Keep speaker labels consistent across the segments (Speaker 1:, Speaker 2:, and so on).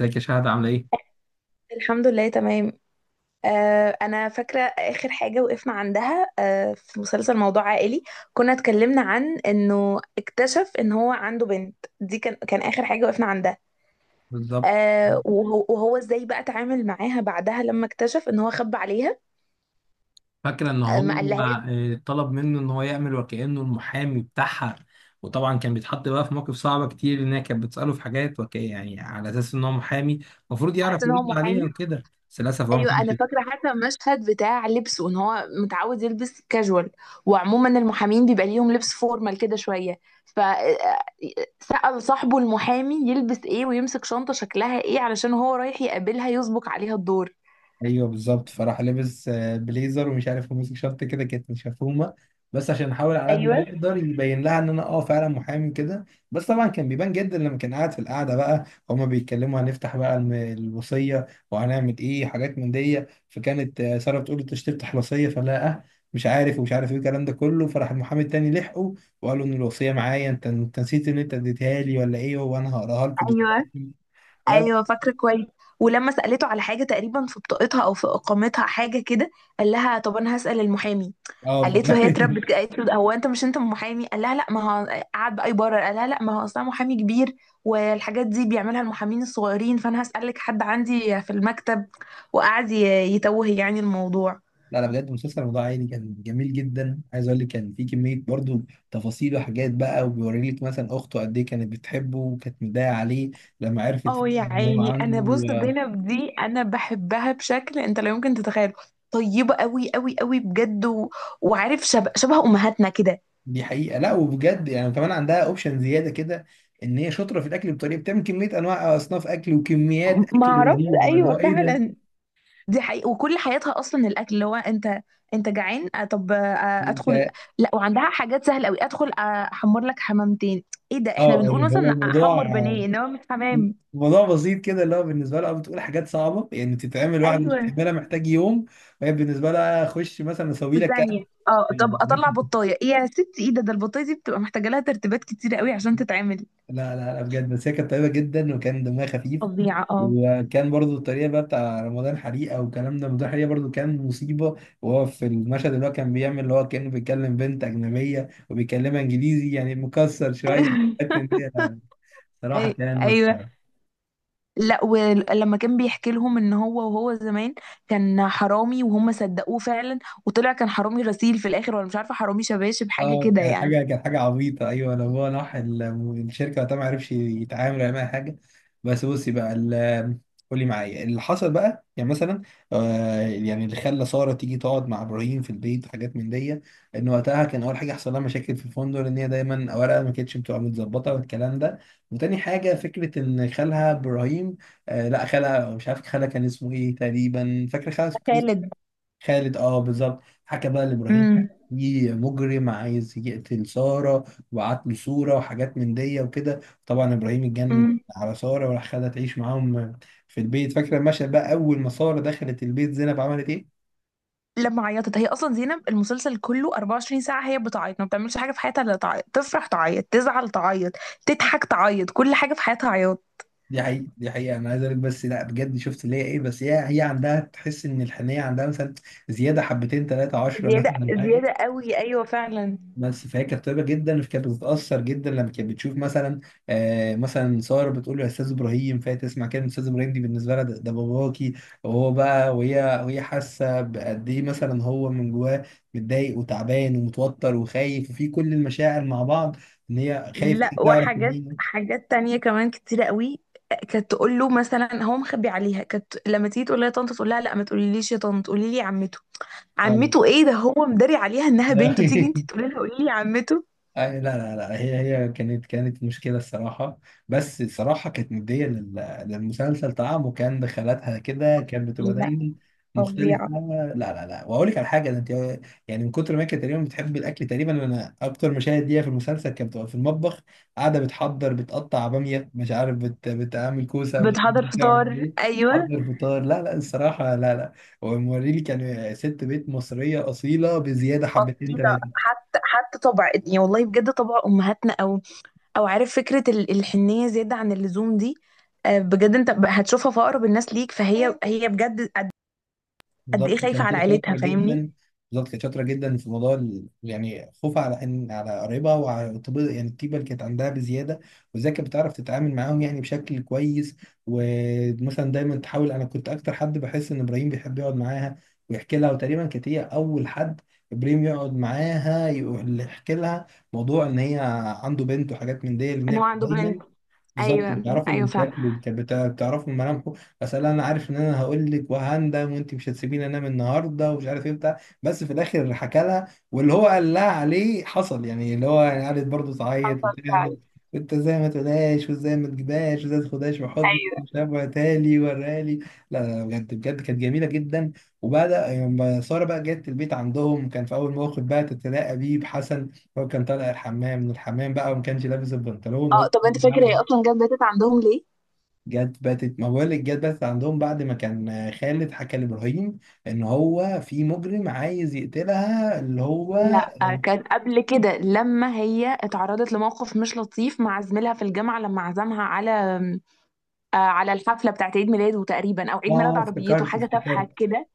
Speaker 1: ازيك يا شهد، عامله ايه؟
Speaker 2: الحمد لله تمام. انا فاكره اخر حاجه وقفنا عندها في مسلسل موضوع عائلي. كنا اتكلمنا عن انه اكتشف ان هو عنده بنت، دي كان اخر حاجه وقفنا عندها.
Speaker 1: بالظبط.
Speaker 2: وهو ازاي بقى اتعامل معاها بعدها لما اكتشف ان هو خبى عليها.
Speaker 1: فاكره ان هو
Speaker 2: ما قالهاش.
Speaker 1: طلب منه ان هو يعمل وكانه المحامي بتاعها. وطبعا كان بيتحط بقى في مواقف صعبه كتير، ان هي كانت بتساله في حاجات يعني على اساس ان هو محامي، المفروض
Speaker 2: عرفت
Speaker 1: يعرف
Speaker 2: ان هو
Speaker 1: يرد عليها
Speaker 2: محامي.
Speaker 1: وكده، بس للاسف هو ما
Speaker 2: ايوه
Speaker 1: كانش.
Speaker 2: انا فاكره حتى المشهد بتاع لبسه، ان هو متعود يلبس كاجوال وعموما المحامين بيبقى ليهم لبس فورمال كده شويه. ف آه، سأل صاحبه المحامي يلبس ايه ويمسك شنطه شكلها ايه علشان هو رايح يقابلها يسبق عليها الدور.
Speaker 1: ايوه بالظبط، فراح لابس بليزر ومش عارف ماسك شنطه كده كانت مشفومه، بس عشان احاول على قد ما
Speaker 2: ايوه،
Speaker 1: يقدر يبين لها ان انا فعلا محامي كده. بس طبعا كان بيبان جدا لما كان قاعد في القعده بقى هما بيتكلموا، هنفتح بقى الوصيه وهنعمل ايه حاجات من دي. فكانت ساره بتقول له انت مش تفتح الوصيه، فلا مش عارف ومش عارف ايه الكلام ده كله، فراح المحامي التاني لحقه وقال له ان الوصيه معايا، انت نسيت ان انت اديتها لي ولا ايه، وانا هقراها لكم
Speaker 2: ايوه،
Speaker 1: دلوقتي. لا لا.
Speaker 2: ايوه، فاكره كويس. ولما سالته على حاجه تقريبا في بطاقتها او في اقامتها حاجه كده، قال لها طب انا هسال المحامي.
Speaker 1: اه
Speaker 2: قالت له
Speaker 1: والله.
Speaker 2: هي اتربت كده. قالت له هو انت مش انت محامي؟ قال لها لا. ما هو قعد بقى يبرر، قال لها لا ما هو اصلا محامي كبير والحاجات دي بيعملها المحامين الصغيرين، فانا هسالك حد عندي في المكتب. وقعد ي- يتوه يعني الموضوع.
Speaker 1: لا لا، بجد مسلسل موضوع عائلي كان جميل جدا. عايز اقول لك كان في كميه برضو تفاصيل وحاجات بقى، وبيوري لك مثلا اخته قد ايه كانت بتحبه وكانت مضايقه عليه لما عرفت
Speaker 2: اه يا
Speaker 1: فجأة ان هو
Speaker 2: عيني، انا بص
Speaker 1: عنده.
Speaker 2: زينب دي انا بحبها بشكل انت لا يمكن تتخيله. طيبه قوي قوي قوي بجد وعارف، شبه امهاتنا كده.
Speaker 1: دي حقيقه. لا وبجد يعني كمان عندها اوبشن زياده كده، ان هي شاطره في الاكل، بطريقه بتعمل كميه انواع اصناف اكل وكميات
Speaker 2: ما
Speaker 1: اكل
Speaker 2: اعرفش،
Speaker 1: رهيبه، اللي هو
Speaker 2: ايوه
Speaker 1: ايه ده؟
Speaker 2: فعلا. دي حقيقة، وكل حياتها اصلا الاكل. اللي هو انت انت جعان، طب ادخل.
Speaker 1: انت.
Speaker 2: لا وعندها حاجات سهله قوي. ادخل احمر لك حمامتين. ايه ده؟ احنا
Speaker 1: اه،
Speaker 2: بنقول
Speaker 1: اللي
Speaker 2: مثلا
Speaker 1: هو الموضوع
Speaker 2: احمر بانيه انما مش حمام.
Speaker 1: الموضوع بسيط كده، اللي هو بالنسبه لها بتقول حاجات صعبه يعني تتعمل، واحد مش
Speaker 2: ايوه
Speaker 1: هيعملها محتاج يوم. وهي بالنسبه لها اخش مثلا اسوي لك.
Speaker 2: وثانيه. اه طب
Speaker 1: لا
Speaker 2: اطلع بطايه، ايه يا ستي؟ ايه ده؟ ده البطايه دي بتبقى محتاجه لها ترتيبات كتيره قوي عشان تتعمل.
Speaker 1: لا لا، بجد بس هي كانت طيبة جدا وكان دمها خفيف.
Speaker 2: فظيعه اه.
Speaker 1: وكان برضو الطريقة بقى بتاع رمضان حريقة والكلام ده، رمضان حريقة برضو كان مصيبة. وهو في المشهد اللي هو كان بيعمل اللي هو كأنه بيتكلم بنت أجنبية وبيكلمها إنجليزي يعني مكسر شوية، حتى إن هي صراحة كان
Speaker 2: ايوه.
Speaker 1: مسخرة.
Speaker 2: لا، ولما كان بيحكي لهم ان هو زمان كان حرامي، وهم صدقوه فعلا، وطلع كان حرامي غسيل في الاخر، ولا مش عارفه حرامي شباشب حاجه
Speaker 1: اه،
Speaker 2: كده
Speaker 1: كانت
Speaker 2: يعني.
Speaker 1: حاجه كانت حاجه عبيطه، ايوه. لو هو راح الشركه وقتها ما عرفش يتعامل ولا معاها حاجه. بس بصي بقى قولي معايا اللي حصل بقى يعني مثلا يعني اللي خلى ساره تيجي تقعد مع ابراهيم في البيت وحاجات من دي. ان وقتها كان اول حاجه حصل لها مشاكل في الفندق، ان هي دايما اوراقها ما كانتش بتبقى متظبطه والكلام ده. وتاني حاجه فكره ان خالها ابراهيم، لا خالها مش عارف خالها كان اسمه ايه تقريبا. فاكر خالها؟
Speaker 2: ده خالد.
Speaker 1: خالد، بالظبط. حكى بقى لابراهيم
Speaker 2: امم.
Speaker 1: في مجرم عايز يقتل ساره وبعت له صوره وحاجات من دي وكده. طبعا ابراهيم اتجنن
Speaker 2: امم.
Speaker 1: على ساره وراح خدها تعيش معاهم في البيت. فاكره المشهد بقى اول ما ساره دخلت البيت زينب عملت ايه؟
Speaker 2: لما عيطت، هي اصلا زينب المسلسل كله 24 ساعه هي بتعيط. ما بتعملش حاجه في حياتها الا تعيط، تفرح تعيط، تزعل تعيط، تضحك تعيط، كل حاجه في حياتها عياط.
Speaker 1: دي حقيقة دي حقيقة، أنا عايز أقولك، بس لا بجد شفت اللي هي إيه، بس هي عندها تحس إن الحنية عندها مثلا زيادة حبتين تلاتة عشرة
Speaker 2: زيادة
Speaker 1: مثلا حاجة.
Speaker 2: زيادة قوي أيوة فعلا.
Speaker 1: بس فهي كانت طيبه جدا، فكانت بتتاثر جدا لما كانت بتشوف مثلا ساره بتقول له يا استاذ ابراهيم، فهي تسمع كلمه استاذ ابراهيم دي بالنسبه لها ده باباكي. وهو بقى وهي حاسه بقد ايه مثلا هو من جواه متضايق وتعبان ومتوتر وخايف وفي كل المشاعر مع بعض. ان هي خايف إن
Speaker 2: لا،
Speaker 1: هي تعرف
Speaker 2: وحاجات
Speaker 1: مين.
Speaker 2: تانية كمان كتيرة قوي. كانت تقول له مثلا هو مخبي عليها، كانت لما تيجي تقول لها يا طنط، تقول لها لا ما تقوليليش يا طنط، قولي لي عمته.
Speaker 1: أيوة.
Speaker 2: عمته؟ ايه ده؟ هو مداري عليها انها بنته، تيجي انت تقولي لها قولي لي عمته.
Speaker 1: لا لا لا، هي كانت مشكلة الصراحة. بس الصراحة كانت مدية للمسلسل طعم، وكان دخلاتها كده كانت بتبقى
Speaker 2: لا.
Speaker 1: دايما مختلفة.
Speaker 2: فظيعة.
Speaker 1: لا لا لا، وأقول لك على حاجة، ده أنت يعني من كتر ما كانت تقريبا بتحب الأكل تقريبا أنا أكتر مشاهد ليها في المسلسل كانت بتبقى في المطبخ قاعدة بتحضر، بتقطع بامية، مش عارف بتعمل كوسة، مش عارف
Speaker 2: بتحضر
Speaker 1: بتعمل
Speaker 2: فطار
Speaker 1: إيه.
Speaker 2: ايوه.
Speaker 1: حضر فطار، لا لا الصراحة، لا لا. وموريلي كان ست بيت مصرية أصيلة بزيادة حبتين.
Speaker 2: اصيله. حتى حتى طبع، يعني والله بجد طبع امهاتنا، او او عارف، فكره الحنيه زياده عن اللزوم دي. بجد انت هتشوفها في اقرب الناس ليك، فهي بجد قد قد ايه
Speaker 1: بالظبط
Speaker 2: خايفه
Speaker 1: كانت
Speaker 2: على
Speaker 1: هي
Speaker 2: عيلتها،
Speaker 1: شاطره
Speaker 2: فاهمني؟
Speaker 1: جدا. بالظبط كانت شاطره جدا في موضوع يعني خوفها على ان على قرايبها وعلى يعني الطيبه اللي كانت عندها بزياده، وازاي كانت بتعرف تتعامل معاهم يعني بشكل كويس. ومثلا دايما تحاول، انا كنت اكتر حد بحس ان ابراهيم بيحب يقعد معاها ويحكي لها، وتقريبا كانت هي اول حد ابراهيم يقعد معاها يحكي لها موضوع ان هي عنده بنت وحاجات من دي، لان
Speaker 2: ان
Speaker 1: هي
Speaker 2: هو
Speaker 1: كانت
Speaker 2: عنده
Speaker 1: دايما
Speaker 2: بنت.
Speaker 1: بالظبط
Speaker 2: ايوه،
Speaker 1: بتعرفوا
Speaker 2: ايوه
Speaker 1: من
Speaker 2: فعلا.
Speaker 1: شكله بتعرفوا من ملامحه. بس انا عارف ان انا هقول لك وهندم وانت مش هتسيبيني انام النهارده ومش عارف ايه بتاع. بس في الاخر حكى لها واللي هو قال لها عليه حصل يعني اللي هو يعني قعدت برضه تعيط
Speaker 2: حصل
Speaker 1: وتعمل،
Speaker 2: فعلا.
Speaker 1: انت ازاي ما تقولهاش، وازاي ما تجيبهاش، وازاي ما تاخدهاش في حضنك،
Speaker 2: ايوه.
Speaker 1: مش عارف، وهاتها لي وراها لي. لا لا، بجد بجد كانت جميله جدا. وبدا لما ساره بقى جت البيت عندهم كان في اول موقف بقى تتلاقى بيه بحسن، هو كان طالع من الحمام بقى وما كانش لابس البنطلون
Speaker 2: اه
Speaker 1: وهو.
Speaker 2: طب انت فاكر هي اصلا جت باتت عندهم ليه؟
Speaker 1: جت باتت ما بقول لك جت باتت عندهم بعد ما كان خالد حكى لابراهيم ان هو في مجرم عايز يقتلها اللي هو.
Speaker 2: لا كان قبل كده، لما هي اتعرضت لموقف مش لطيف مع زميلها في الجامعه لما عزمها على على الحفله بتاعت عيد ميلاده تقريبا او عيد ميلاد
Speaker 1: اه
Speaker 2: عربيته،
Speaker 1: افتكرت
Speaker 2: حاجه تافهه
Speaker 1: افتكرت
Speaker 2: كده.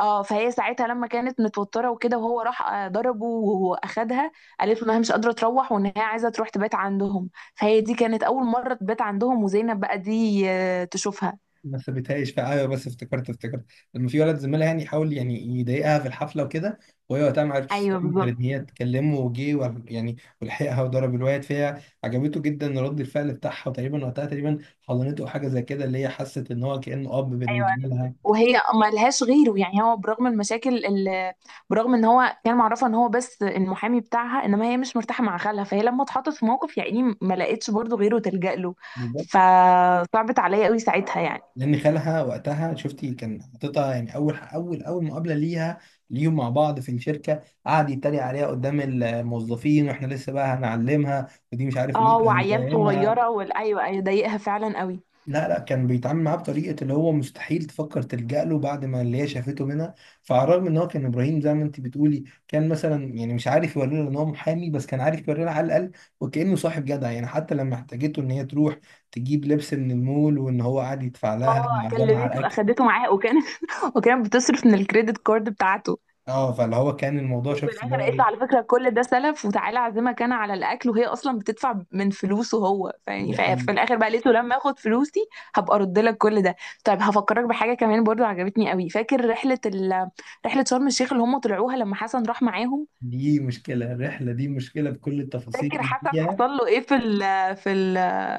Speaker 2: اه فهي ساعتها لما كانت متوتره وكده، وهو راح ضربه واخدها، قالت له انها مش قادره تروح وان هي عايزه تروح تبات عندهم، فهي دي كانت اول مره تبات عندهم، وزينب بقى دي تشوفها.
Speaker 1: ما سابتهاش في، ايوه بس افتكرت لما في ولد زميلها يعني حاول يعني يضايقها في الحفله وكده، وهي وقتها ما عرفتش
Speaker 2: ايوه
Speaker 1: تستنى غير
Speaker 2: بالظبط.
Speaker 1: ان هي تكلمه وجه يعني، ولحقها وضرب الواد فيها، عجبته جدا رد الفعل بتاعها، وتقريبا وقتها تقريبا حضنته او حاجه زي كده اللي هي حست ان هو كانه اب
Speaker 2: ايوه،
Speaker 1: بالنسبه لها.
Speaker 2: وهي ما لهاش غيره يعني. هو برغم المشاكل اللي، برغم ان هو كان معرفه ان هو بس المحامي بتاعها، انما هي مش مرتاحه مع خالها، فهي لما اتحطت في موقف يعني ما لقتش برضه غيره تلجأ له. فصعبت عليا قوي ساعتها يعني.
Speaker 1: لان خالها وقتها شفتي كان حاططها يعني اول مقابله ليهم مع بعض في الشركه قعد يتريق عليها قدام الموظفين واحنا لسه بقى هنعلمها ودي مش عارف
Speaker 2: اه
Speaker 1: لسه
Speaker 2: وعيال
Speaker 1: هنفهمها.
Speaker 2: صغيره، والايوه ايوه ايوه، ضايقها فعلا قوي.
Speaker 1: لا لا، كان بيتعامل معاه بطريقه اللي هو مستحيل تفكر تلجأ له بعد ما اللي هي شافته منها. فعلى الرغم ان هو كان ابراهيم زي ما انت بتقولي كان مثلا يعني مش عارف يوري لها ان هو محامي، بس كان عارف يوري لها على الاقل وكانه صاحب جدع يعني، حتى لما احتاجته ان هي تروح تجيب لبس من المول وان هو قاعد يدفع لها
Speaker 2: اه
Speaker 1: معزمه على
Speaker 2: كلمته،
Speaker 1: الاكل.
Speaker 2: اخدته معاها، وكانت وكانت بتصرف من الكريدت كارد بتاعته.
Speaker 1: اه فاللي هو كان الموضوع
Speaker 2: وفي
Speaker 1: شفت اللي
Speaker 2: الاخر
Speaker 1: هو
Speaker 2: قالت له على
Speaker 1: ايه.
Speaker 2: فكره كل ده سلف، وتعالى اعزمك انا على الاكل، وهي اصلا بتدفع من فلوسه هو. فيعني
Speaker 1: دي حقيقي.
Speaker 2: في الاخر بقى قالت له لما اخد فلوسي هبقى ارد لك كل ده. طيب هفكرك بحاجه كمان برضو عجبتني قوي. فاكر رحله رحله شرم الشيخ اللي هم طلعوها لما حسن راح معاهم؟
Speaker 1: دي مشكلة، الرحلة دي مشكلة بكل التفاصيل
Speaker 2: فاكر
Speaker 1: اللي
Speaker 2: حسن
Speaker 1: فيها.
Speaker 2: حصل له ايه في في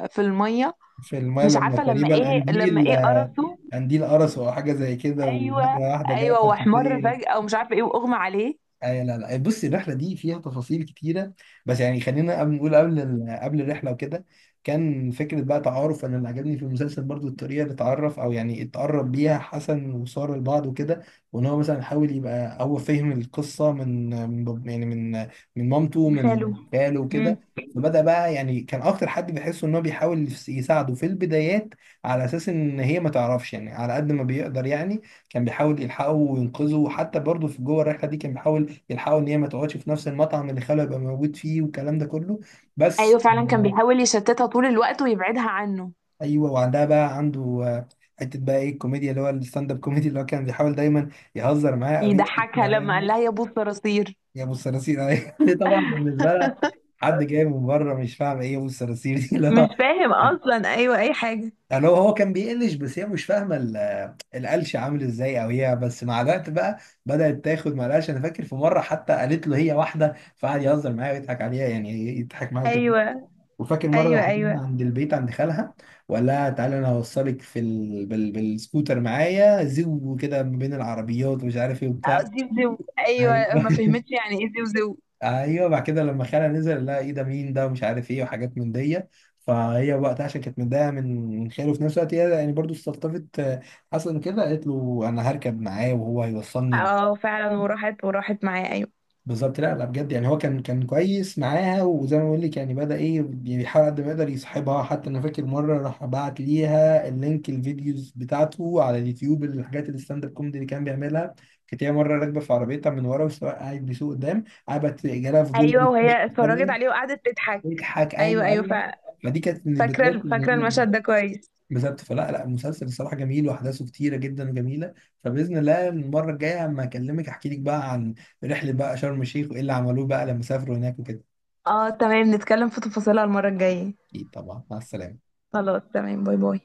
Speaker 2: في الميه؟
Speaker 1: في الماء
Speaker 2: مش
Speaker 1: لما
Speaker 2: عارفه لما
Speaker 1: تقريبا
Speaker 2: ايه، لما
Speaker 1: قنديل
Speaker 2: ايه، قرصه؟
Speaker 1: قنديل قرصه أو حاجة زي كده
Speaker 2: ايوه،
Speaker 1: ومرة واحدة جاله
Speaker 2: ايوه، واحمر
Speaker 1: حساسية.
Speaker 2: فجاه ومش عارفه ايه، واغمى عليه.
Speaker 1: لا لا، بص الرحله دي فيها تفاصيل كتيره. بس يعني خلينا قبل نقول قبل قبل الرحله وكده، كان فكره بقى تعارف. انا اللي عجبني في المسلسل برضو الطريقه اللي اتعرف او يعني اتقرب بيها حسن وساره لبعض وكده، وان هو مثلا حاول يبقى هو فهم القصه من يعني من مامته
Speaker 2: من
Speaker 1: من
Speaker 2: خاله.
Speaker 1: خاله
Speaker 2: مم.
Speaker 1: وكده. فبدأ بقى يعني كان اكتر حد بيحس ان هو بيحاول يساعده في البدايات، على اساس ان هي ما تعرفش يعني على قد ما بيقدر يعني، كان بيحاول يلحقه وينقذه. وحتى برضه في جوه الرحله دي كان بيحاول يلحقوا ان هي ما تقعدش في نفس المطعم اللي خاله يبقى موجود فيه والكلام ده كله. بس
Speaker 2: ايوه فعلا كان
Speaker 1: آه،
Speaker 2: بيحاول يشتتها طول الوقت ويبعدها عنه.
Speaker 1: ايوه وعندها بقى عنده حته بقى ايه الكوميديا اللي هو الستاند اب كوميدي اللي هو كان بيحاول دايما يهزر معاه او يقف
Speaker 2: يضحكها لما قال
Speaker 1: معانا.
Speaker 2: لها يا ابو الصراصير.
Speaker 1: يا ابو الصراصير. أيوة. هي طبعا بالنسبه لها حد جاي من بره مش فاهم ايه يا ابو الصراصير دي اللي هو
Speaker 2: مش فاهم اصلا، ايوه اي حاجه.
Speaker 1: يعني هو كان بيقلش بس هي مش فاهمه القلش عامل ازاي، او هي بس مع الوقت بقى بدات تاخد مع القلش. انا فاكر في مره حتى قالت له هي واحده فقعد يهزر معايا ويضحك عليها يعني يضحك معاها.
Speaker 2: ايوه
Speaker 1: وفاكر
Speaker 2: ايوه
Speaker 1: مره حبيبنا
Speaker 2: ايوه.
Speaker 1: عند البيت عند خالها، وقال لها تعالى انا هوصلك بالسكوتر معايا زو كده ما بين العربيات ومش عارف ايه
Speaker 2: اه
Speaker 1: وبتاع.
Speaker 2: زيو زيو،
Speaker 1: ايوه.
Speaker 2: ايوه ما فهمتش يعني ايه زيو زيو.
Speaker 1: ايوه بعد كده لما خالها نزل، لا ايه ده مين ده ومش عارف ايه وحاجات من دي، فهي وقتها عشان كانت متضايقه من خاله وفي نفس الوقت هي يعني برضو استلطفت حسن كده، قالت له انا هركب معاه وهو هيوصلني.
Speaker 2: اه فعلا، وراحت معاه ايوه.
Speaker 1: بالظبط، لا لا بجد يعني هو كان كويس معاها، وزي ما بقول لك يعني بدأ ايه يعني بيحاول قد ما يقدر يصاحبها. حتى انا فاكر مره راح بعت ليها اللينك الفيديوز بتاعته على اليوتيوب، الحاجات الستاند اب كوميدي اللي كان بيعملها، كانت هي مره راكبه في عربيتها من ورا والسواق قاعد بيسوق قدام، قعدت جالها فضول
Speaker 2: ايوه
Speaker 1: تخش
Speaker 2: وهي اتفرجت
Speaker 1: تتفرج،
Speaker 2: عليه وقعدت تضحك.
Speaker 1: تضحك.
Speaker 2: ايوه
Speaker 1: ايوه
Speaker 2: ايوه
Speaker 1: ايوه.
Speaker 2: فعلا.
Speaker 1: فدي كانت من البدايات
Speaker 2: فاكره
Speaker 1: ان
Speaker 2: فاكره
Speaker 1: هي
Speaker 2: المشهد ده كويس.
Speaker 1: بالظبط. فلا لا مسلسل الصراحه جميل واحداثه كتيره جدا وجميله. فباذن الله المره الجايه اما اكلمك احكي لك بقى عن رحله بقى شرم الشيخ وايه اللي عملوه بقى لما سافروا هناك وكده.
Speaker 2: اه تمام، نتكلم في تفاصيلها المره الجايه.
Speaker 1: اكيد طبعا، مع السلامه.
Speaker 2: خلاص تمام، باي باي.